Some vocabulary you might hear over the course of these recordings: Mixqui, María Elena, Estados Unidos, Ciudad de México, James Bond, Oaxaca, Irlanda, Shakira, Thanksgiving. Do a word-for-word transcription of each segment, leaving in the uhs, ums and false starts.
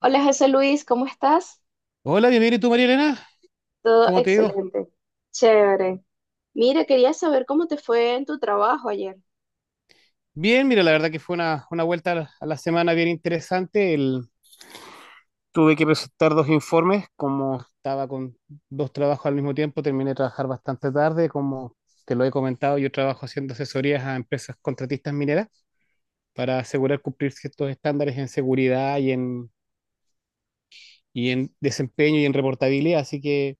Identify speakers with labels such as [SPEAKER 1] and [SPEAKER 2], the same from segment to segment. [SPEAKER 1] Hola José Luis, ¿cómo estás?
[SPEAKER 2] Hola, bienvenido. ¿Y tú, María Elena?
[SPEAKER 1] Todo
[SPEAKER 2] ¿Cómo te digo?
[SPEAKER 1] excelente. Chévere. Mira, quería saber cómo te fue en tu trabajo ayer.
[SPEAKER 2] Bien, mira, la verdad que fue una, una vuelta a la, a la semana bien interesante. El- tuve que presentar dos informes, como estaba con dos trabajos al mismo tiempo, terminé de trabajar bastante tarde, como te lo he comentado. Yo trabajo haciendo asesorías a empresas contratistas mineras para asegurar cumplir ciertos estándares en seguridad y en, y en desempeño y en reportabilidad, así que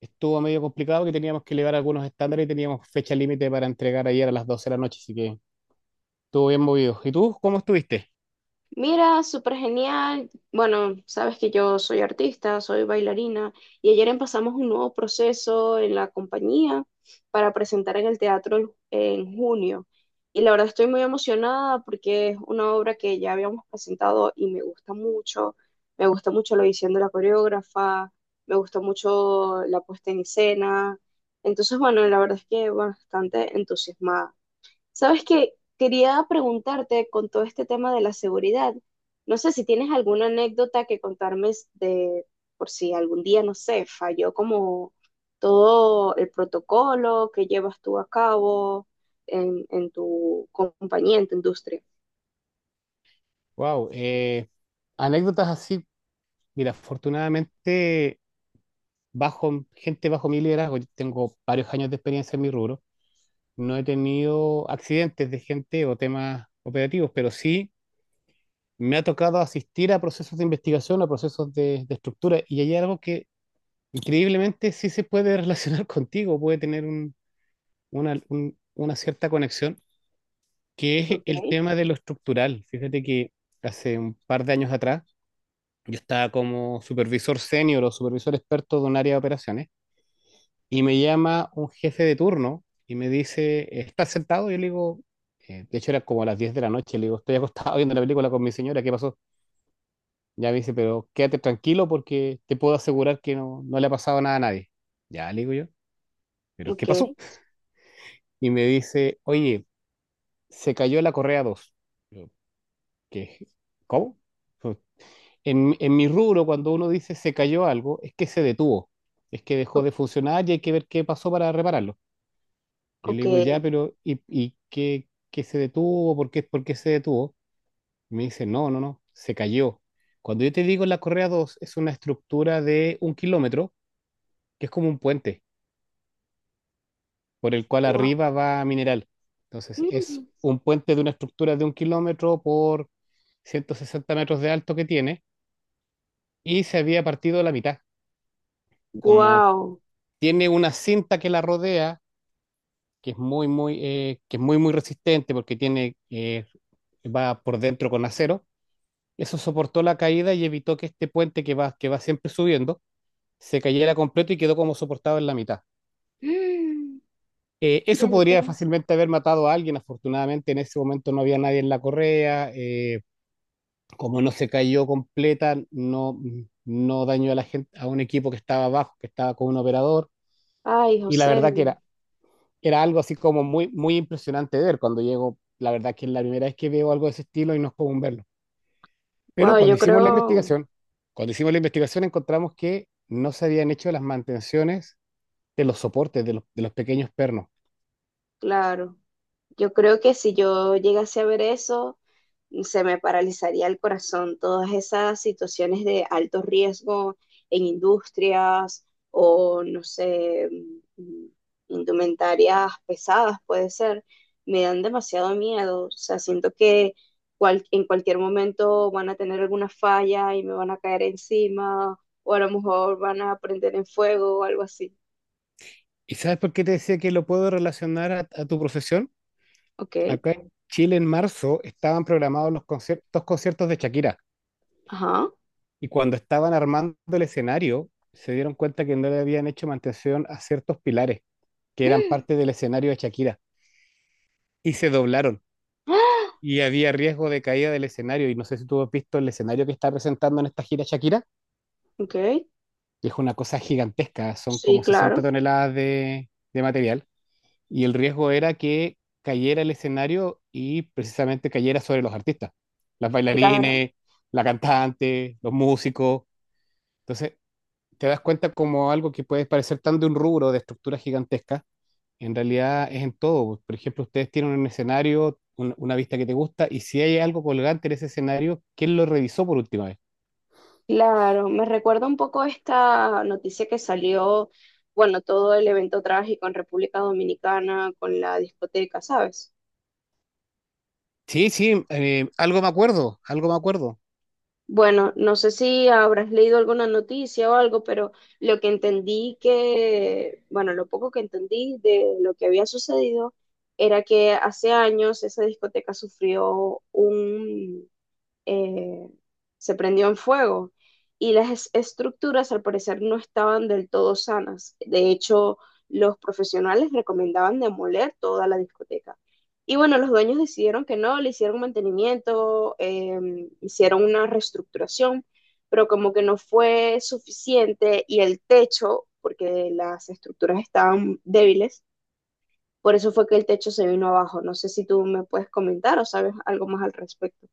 [SPEAKER 2] estuvo medio complicado, que teníamos que elevar algunos estándares y teníamos fecha límite para entregar ayer a las doce de la noche, así que. Estuvo bien movido. ¿Y tú cómo estuviste?
[SPEAKER 1] Mira, súper genial. Bueno, sabes que yo soy artista, soy bailarina y ayer empezamos un nuevo proceso en la compañía para presentar en el teatro el- en junio. Y la verdad estoy muy emocionada porque es una obra que ya habíamos presentado y me gusta mucho. Me gusta mucho la visión de la coreógrafa, me gusta mucho la puesta en escena. Entonces, bueno, la verdad es que bueno, bastante entusiasmada. Sabes que quería preguntarte con todo este tema de la seguridad. No sé si tienes alguna anécdota que contarme s- de por si algún día, no sé, falló como todo el protocolo que llevas tú a cabo en, en tu compañía, en tu industria.
[SPEAKER 2] Wow. Eh, anécdotas así. Mira, afortunadamente, bajo, gente bajo mi liderazgo, yo tengo varios años de experiencia en mi rubro. No he tenido accidentes de gente o temas operativos, pero sí me ha tocado asistir a procesos de investigación, a procesos de, de estructura. Y hay algo que increíblemente sí se puede relacionar contigo, puede tener un- una, un- una cierta conexión, que es
[SPEAKER 1] Ok,
[SPEAKER 2] el tema de lo estructural. Fíjate que hace un par de años atrás, yo estaba como supervisor senior o supervisor experto de un área de operaciones, y me llama un jefe de turno y me dice: ¿estás sentado? Yo le digo, eh, de hecho era como a las diez de la noche, le digo, estoy acostado viendo la película con mi señora, ¿qué pasó? Ya me dice: pero quédate tranquilo porque te puedo asegurar que no, no le ha pasado nada a nadie. Ya le digo yo, ¿pero qué
[SPEAKER 1] ok,
[SPEAKER 2] pasó? Y me dice: oye, se cayó la correa dos. Yo, ¿qué? ¿Cómo? En, en mi rubro, cuando uno dice se cayó algo, es que se detuvo, es que dejó
[SPEAKER 1] o-
[SPEAKER 2] de funcionar y hay que ver qué pasó para repararlo. Yo le
[SPEAKER 1] ok.
[SPEAKER 2] digo, ya, pero ¿y, y qué, qué se detuvo? ¿Por qué, por qué se detuvo? Y me dice: no, no, no, se cayó. Cuando yo te digo la correa dos, es una estructura de un kilómetro, que es como un puente, por el cual
[SPEAKER 1] Wow.
[SPEAKER 2] arriba va mineral. Entonces, es un puente de una estructura de un kilómetro por ciento sesenta metros de alto que tiene, y se había partido la mitad, como.
[SPEAKER 1] Wow.
[SPEAKER 2] Tiene una cinta que la rodea, que es muy, muy, eh, que es muy, muy resistente, porque tiene, eh, va por dentro con acero. Eso soportó la caída y evitó que este puente que va, que va siempre subiendo se cayera completo, y quedó como soportado en la mitad.
[SPEAKER 1] Y
[SPEAKER 2] Eh, eso podría
[SPEAKER 1] entonces,
[SPEAKER 2] fácilmente haber matado a alguien. Afortunadamente, en ese momento no había nadie en la correa. Eh, como no se cayó completa, no, no dañó a la gente, a un equipo que estaba abajo, que estaba con un operador.
[SPEAKER 1] ay,
[SPEAKER 2] Y la
[SPEAKER 1] José,
[SPEAKER 2] verdad que era era algo así como muy, muy impresionante ver cuando llego. La verdad que es la primera vez que veo algo de ese estilo y no es común verlo.
[SPEAKER 1] wow,
[SPEAKER 2] Pero cuando
[SPEAKER 1] yo
[SPEAKER 2] hicimos la
[SPEAKER 1] creo,
[SPEAKER 2] investigación, cuando hicimos la investigación encontramos que no se habían hecho las mantenciones de los soportes, de los, de los pequeños pernos.
[SPEAKER 1] claro. Yo creo que si yo llegase a ver eso, se me paralizaría el corazón. Todas esas situaciones de alto riesgo en industrias o, no sé, mm, indumentarias pesadas, puede ser, me dan demasiado miedo. O sea, siento que cual- en cualquier momento van a tener alguna falla y me van a caer encima o a lo mejor van a prender en fuego o algo así.
[SPEAKER 2] ¿Y sabes por qué te decía que lo puedo relacionar a, a tu profesión?
[SPEAKER 1] Ok,
[SPEAKER 2] Acá en Chile, en marzo estaban programados los conciertos, conciertos, de Shakira,
[SPEAKER 1] ajá.
[SPEAKER 2] y cuando estaban armando el escenario se dieron cuenta que no le habían hecho mantención a ciertos pilares que eran parte del escenario de Shakira, y se doblaron. Y había riesgo de caída del escenario. Y no sé si tú has visto el escenario que está presentando en esta gira Shakira,
[SPEAKER 1] Ok,
[SPEAKER 2] que es una cosa gigantesca, son
[SPEAKER 1] sí,
[SPEAKER 2] como sesenta
[SPEAKER 1] claro.
[SPEAKER 2] toneladas de, de material. Y el riesgo era que cayera el escenario y precisamente cayera sobre los artistas, las
[SPEAKER 1] Claro,
[SPEAKER 2] bailarines, la cantante, los músicos. Entonces, te das cuenta como algo que puede parecer tan de un rubro de estructura gigantesca, en realidad es en todo. Por ejemplo, ustedes tienen un escenario, un- una vista que te gusta, y si hay algo colgante en ese escenario, ¿quién lo revisó por última vez?
[SPEAKER 1] claro. Me recuerda un poco esta noticia que salió, bueno, todo el evento trágico en República Dominicana con la discoteca, ¿sabes?
[SPEAKER 2] Sí, sí, eh, algo me acuerdo, algo me acuerdo.
[SPEAKER 1] Bueno, no sé si habrás leído alguna noticia o algo, pero lo que entendí que, bueno, lo poco que entendí de lo que había sucedido era que hace años esa discoteca sufrió eh, se prendió en fuego y las es- estructuras al parecer no estaban del todo sanas. De hecho, los profesionales recomendaban demoler toda la discoteca. Y bueno, los dueños decidieron que no, le hicieron mantenimiento, eh, hicieron una reestructuración, pero como que no fue suficiente y el techo, porque las estructuras estaban débiles, por eso fue que el techo se vino abajo. No sé si tú me puedes comentar o sabes algo más al respecto.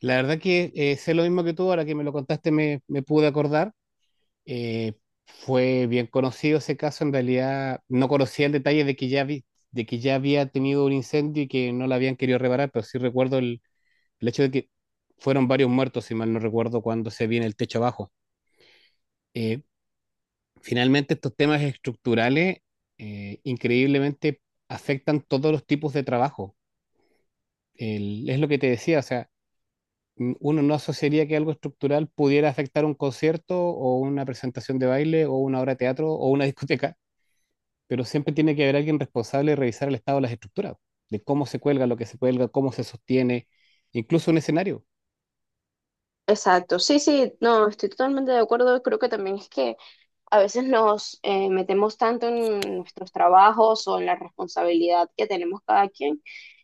[SPEAKER 2] La verdad que eh, sé lo mismo que tú. Ahora que me lo contaste me, me pude acordar. Eh, Fue bien conocido ese caso. En realidad no conocía el detalle de que ya vi- de que ya había tenido un incendio y que no la habían querido reparar, pero sí recuerdo el, el hecho de que fueron varios muertos, si mal no recuerdo, cuando se viene el techo abajo. Eh, Finalmente, estos temas estructurales eh, increíblemente afectan todos los tipos de trabajo. El- es lo que te decía, o sea, m- uno no asociaría que algo estructural pudiera afectar un concierto o una presentación de baile o una obra de teatro o una discoteca, pero siempre tiene que haber alguien responsable de revisar el estado de las estructuras, de cómo se cuelga, lo que se cuelga, cómo se sostiene, incluso un escenario.
[SPEAKER 1] Exacto, sí, sí, no, estoy totalmente de acuerdo. Creo que también es que a veces nos eh, metemos tanto en nuestros trabajos o en la responsabilidad que tenemos cada quien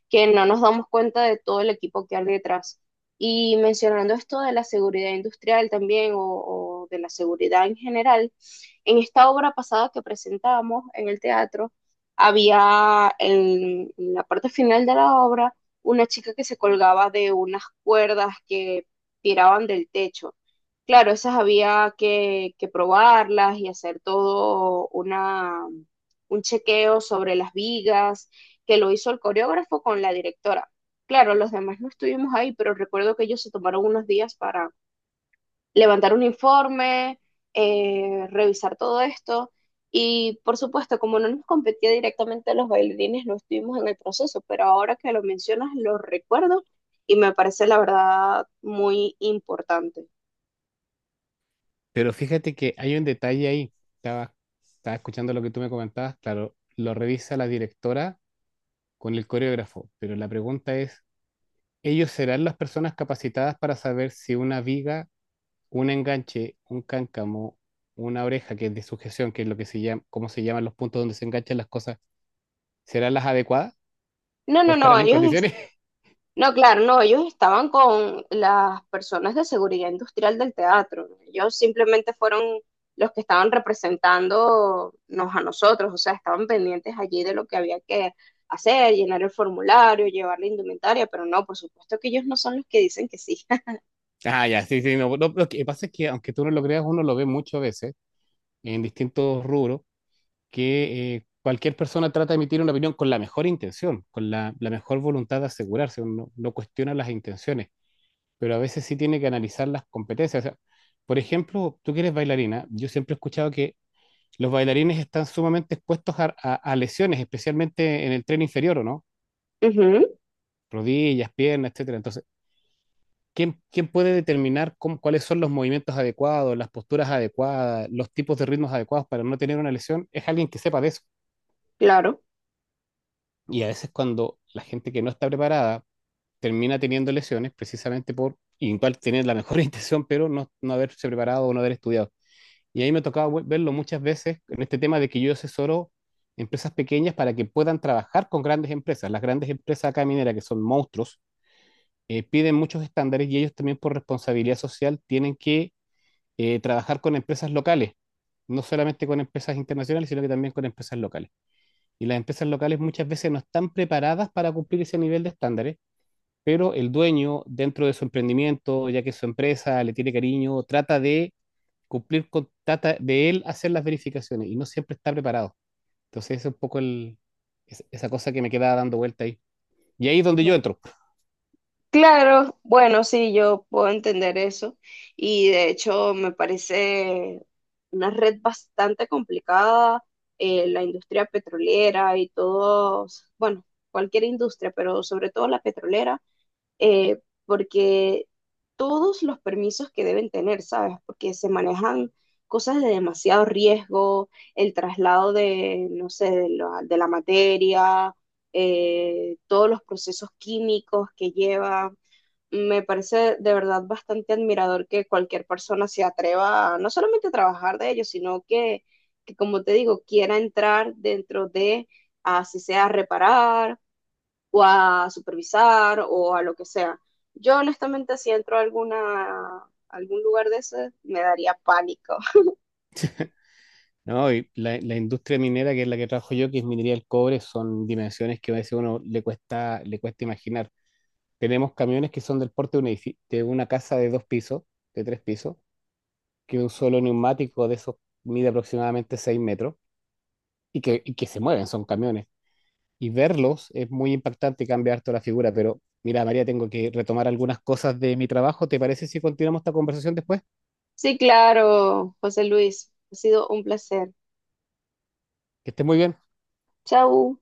[SPEAKER 1] que no nos damos cuenta de todo el equipo que hay detrás. Y mencionando esto de la seguridad industrial también o, o de la seguridad en general, en esta obra pasada que presentamos en el teatro, había en, en la parte final de la obra una chica que se colgaba de unas cuerdas que tiraban del techo. Claro, esas había que, que probarlas y hacer todo una, un chequeo sobre las vigas, que lo hizo el coreógrafo con la directora. Claro, los demás no estuvimos ahí, pero recuerdo que ellos se tomaron unos días para levantar un informe, eh, revisar todo esto. Y por supuesto, como no nos competía directamente a los bailarines, no estuvimos en el proceso, pero ahora que lo mencionas, lo recuerdo y me parece la verdad muy importante.
[SPEAKER 2] Pero fíjate que hay un detalle ahí. Estaba, estaba escuchando lo que tú me comentabas. Claro, lo revisa la directora con el coreógrafo, pero la pregunta es, ¿ellos serán las personas capacitadas para saber si una viga, un enganche, un cáncamo, una oreja, que es de sujeción, que es lo que se llama, cómo se llaman los puntos donde se enganchan las cosas, serán las adecuadas
[SPEAKER 1] No,
[SPEAKER 2] o
[SPEAKER 1] no, no,
[SPEAKER 2] estarán en
[SPEAKER 1] ellos.
[SPEAKER 2] condiciones?
[SPEAKER 1] No, claro, no, ellos estaban con las personas de seguridad industrial del teatro, ¿no? Ellos simplemente fueron los que estaban representándonos a nosotros, o sea, estaban pendientes allí de lo que había que hacer, llenar el formulario, llevar la indumentaria, pero no, por supuesto que ellos no son los que dicen que sí.
[SPEAKER 2] Ah, ya, sí, sí, no, no, lo que pasa es que, aunque tú no lo creas, uno lo ve muchas veces en distintos rubros, que eh, cualquier persona trata de emitir una opinión con la mejor intención, con la, la mejor voluntad de asegurarse. Uno no cuestiona las intenciones, pero a veces sí tiene que analizar las competencias. O sea, por ejemplo, tú que eres bailarina, yo siempre he escuchado que los bailarines están sumamente expuestos a, a- a lesiones, especialmente en el tren inferior, ¿o no?
[SPEAKER 1] Ujú,
[SPEAKER 2] Rodillas, piernas, etcétera. Entonces, ¿quién, quién puede determinar cómo- cuáles son los movimientos adecuados, las posturas adecuadas, los tipos de ritmos adecuados para no tener una lesión? Es alguien que sepa de eso.
[SPEAKER 1] claro.
[SPEAKER 2] Y a veces cuando la gente que no está preparada termina teniendo lesiones precisamente por igual tener la mejor intención, pero no, no haberse preparado o no haber estudiado. Y ahí me tocaba vu- verlo muchas veces, en este tema de que yo asesoro empresas pequeñas para que puedan trabajar con grandes empresas. Las grandes empresas acá mineras, que son monstruos, eh, piden muchos estándares, y ellos también, por responsabilidad social, tienen que eh, trabajar con empresas locales, no solamente con empresas internacionales, sino que también con empresas locales. Y las empresas locales muchas veces no están preparadas para cumplir ese nivel de estándares, pero el dueño, dentro de su emprendimiento, ya que su empresa le tiene cariño, trata de cumplir, con trata de él hacer las verificaciones, y no siempre está preparado. Entonces, ese es un poco el, es- esa cosa que me quedaba dando vuelta ahí. Y ahí es donde yo entro,
[SPEAKER 1] Claro, bueno, sí, yo puedo entender eso y de hecho me parece una red bastante complicada, eh, la industria petrolera y todos, bueno, cualquier industria, pero sobre todo la petrolera, eh, porque todos los permisos que deben tener, ¿sabes? Porque se manejan cosas de demasiado riesgo, el traslado de, no sé, de la, de la materia, eh, todos los procesos químicos que lleva me parece de verdad bastante admirador que cualquier persona se atreva a, no solamente a trabajar de ello, sino que, que, como te digo, quiera entrar dentro de, así sea a reparar o a supervisar o a lo que sea. Yo honestamente si entro a alguna, algún lugar de ese me daría pánico.
[SPEAKER 2] ¿no? Y la, la industria minera, que es la que trabajo yo, que es minería del cobre, son dimensiones que a veces uno le cuesta, le cuesta imaginar. Tenemos camiones que son del porte de, un edifi- de una casa de dos pisos, de tres pisos, que un solo neumático de esos mide aproximadamente seis metros y que, y que se mueven, son camiones. Y verlos es muy impactante, cambia harto la figura. Pero mira, María, tengo que retomar algunas cosas de mi trabajo. ¿Te parece si continuamos esta conversación después?
[SPEAKER 1] Sí, claro, José Luis, ha sido un placer.
[SPEAKER 2] Que estés muy bien.
[SPEAKER 1] Chau.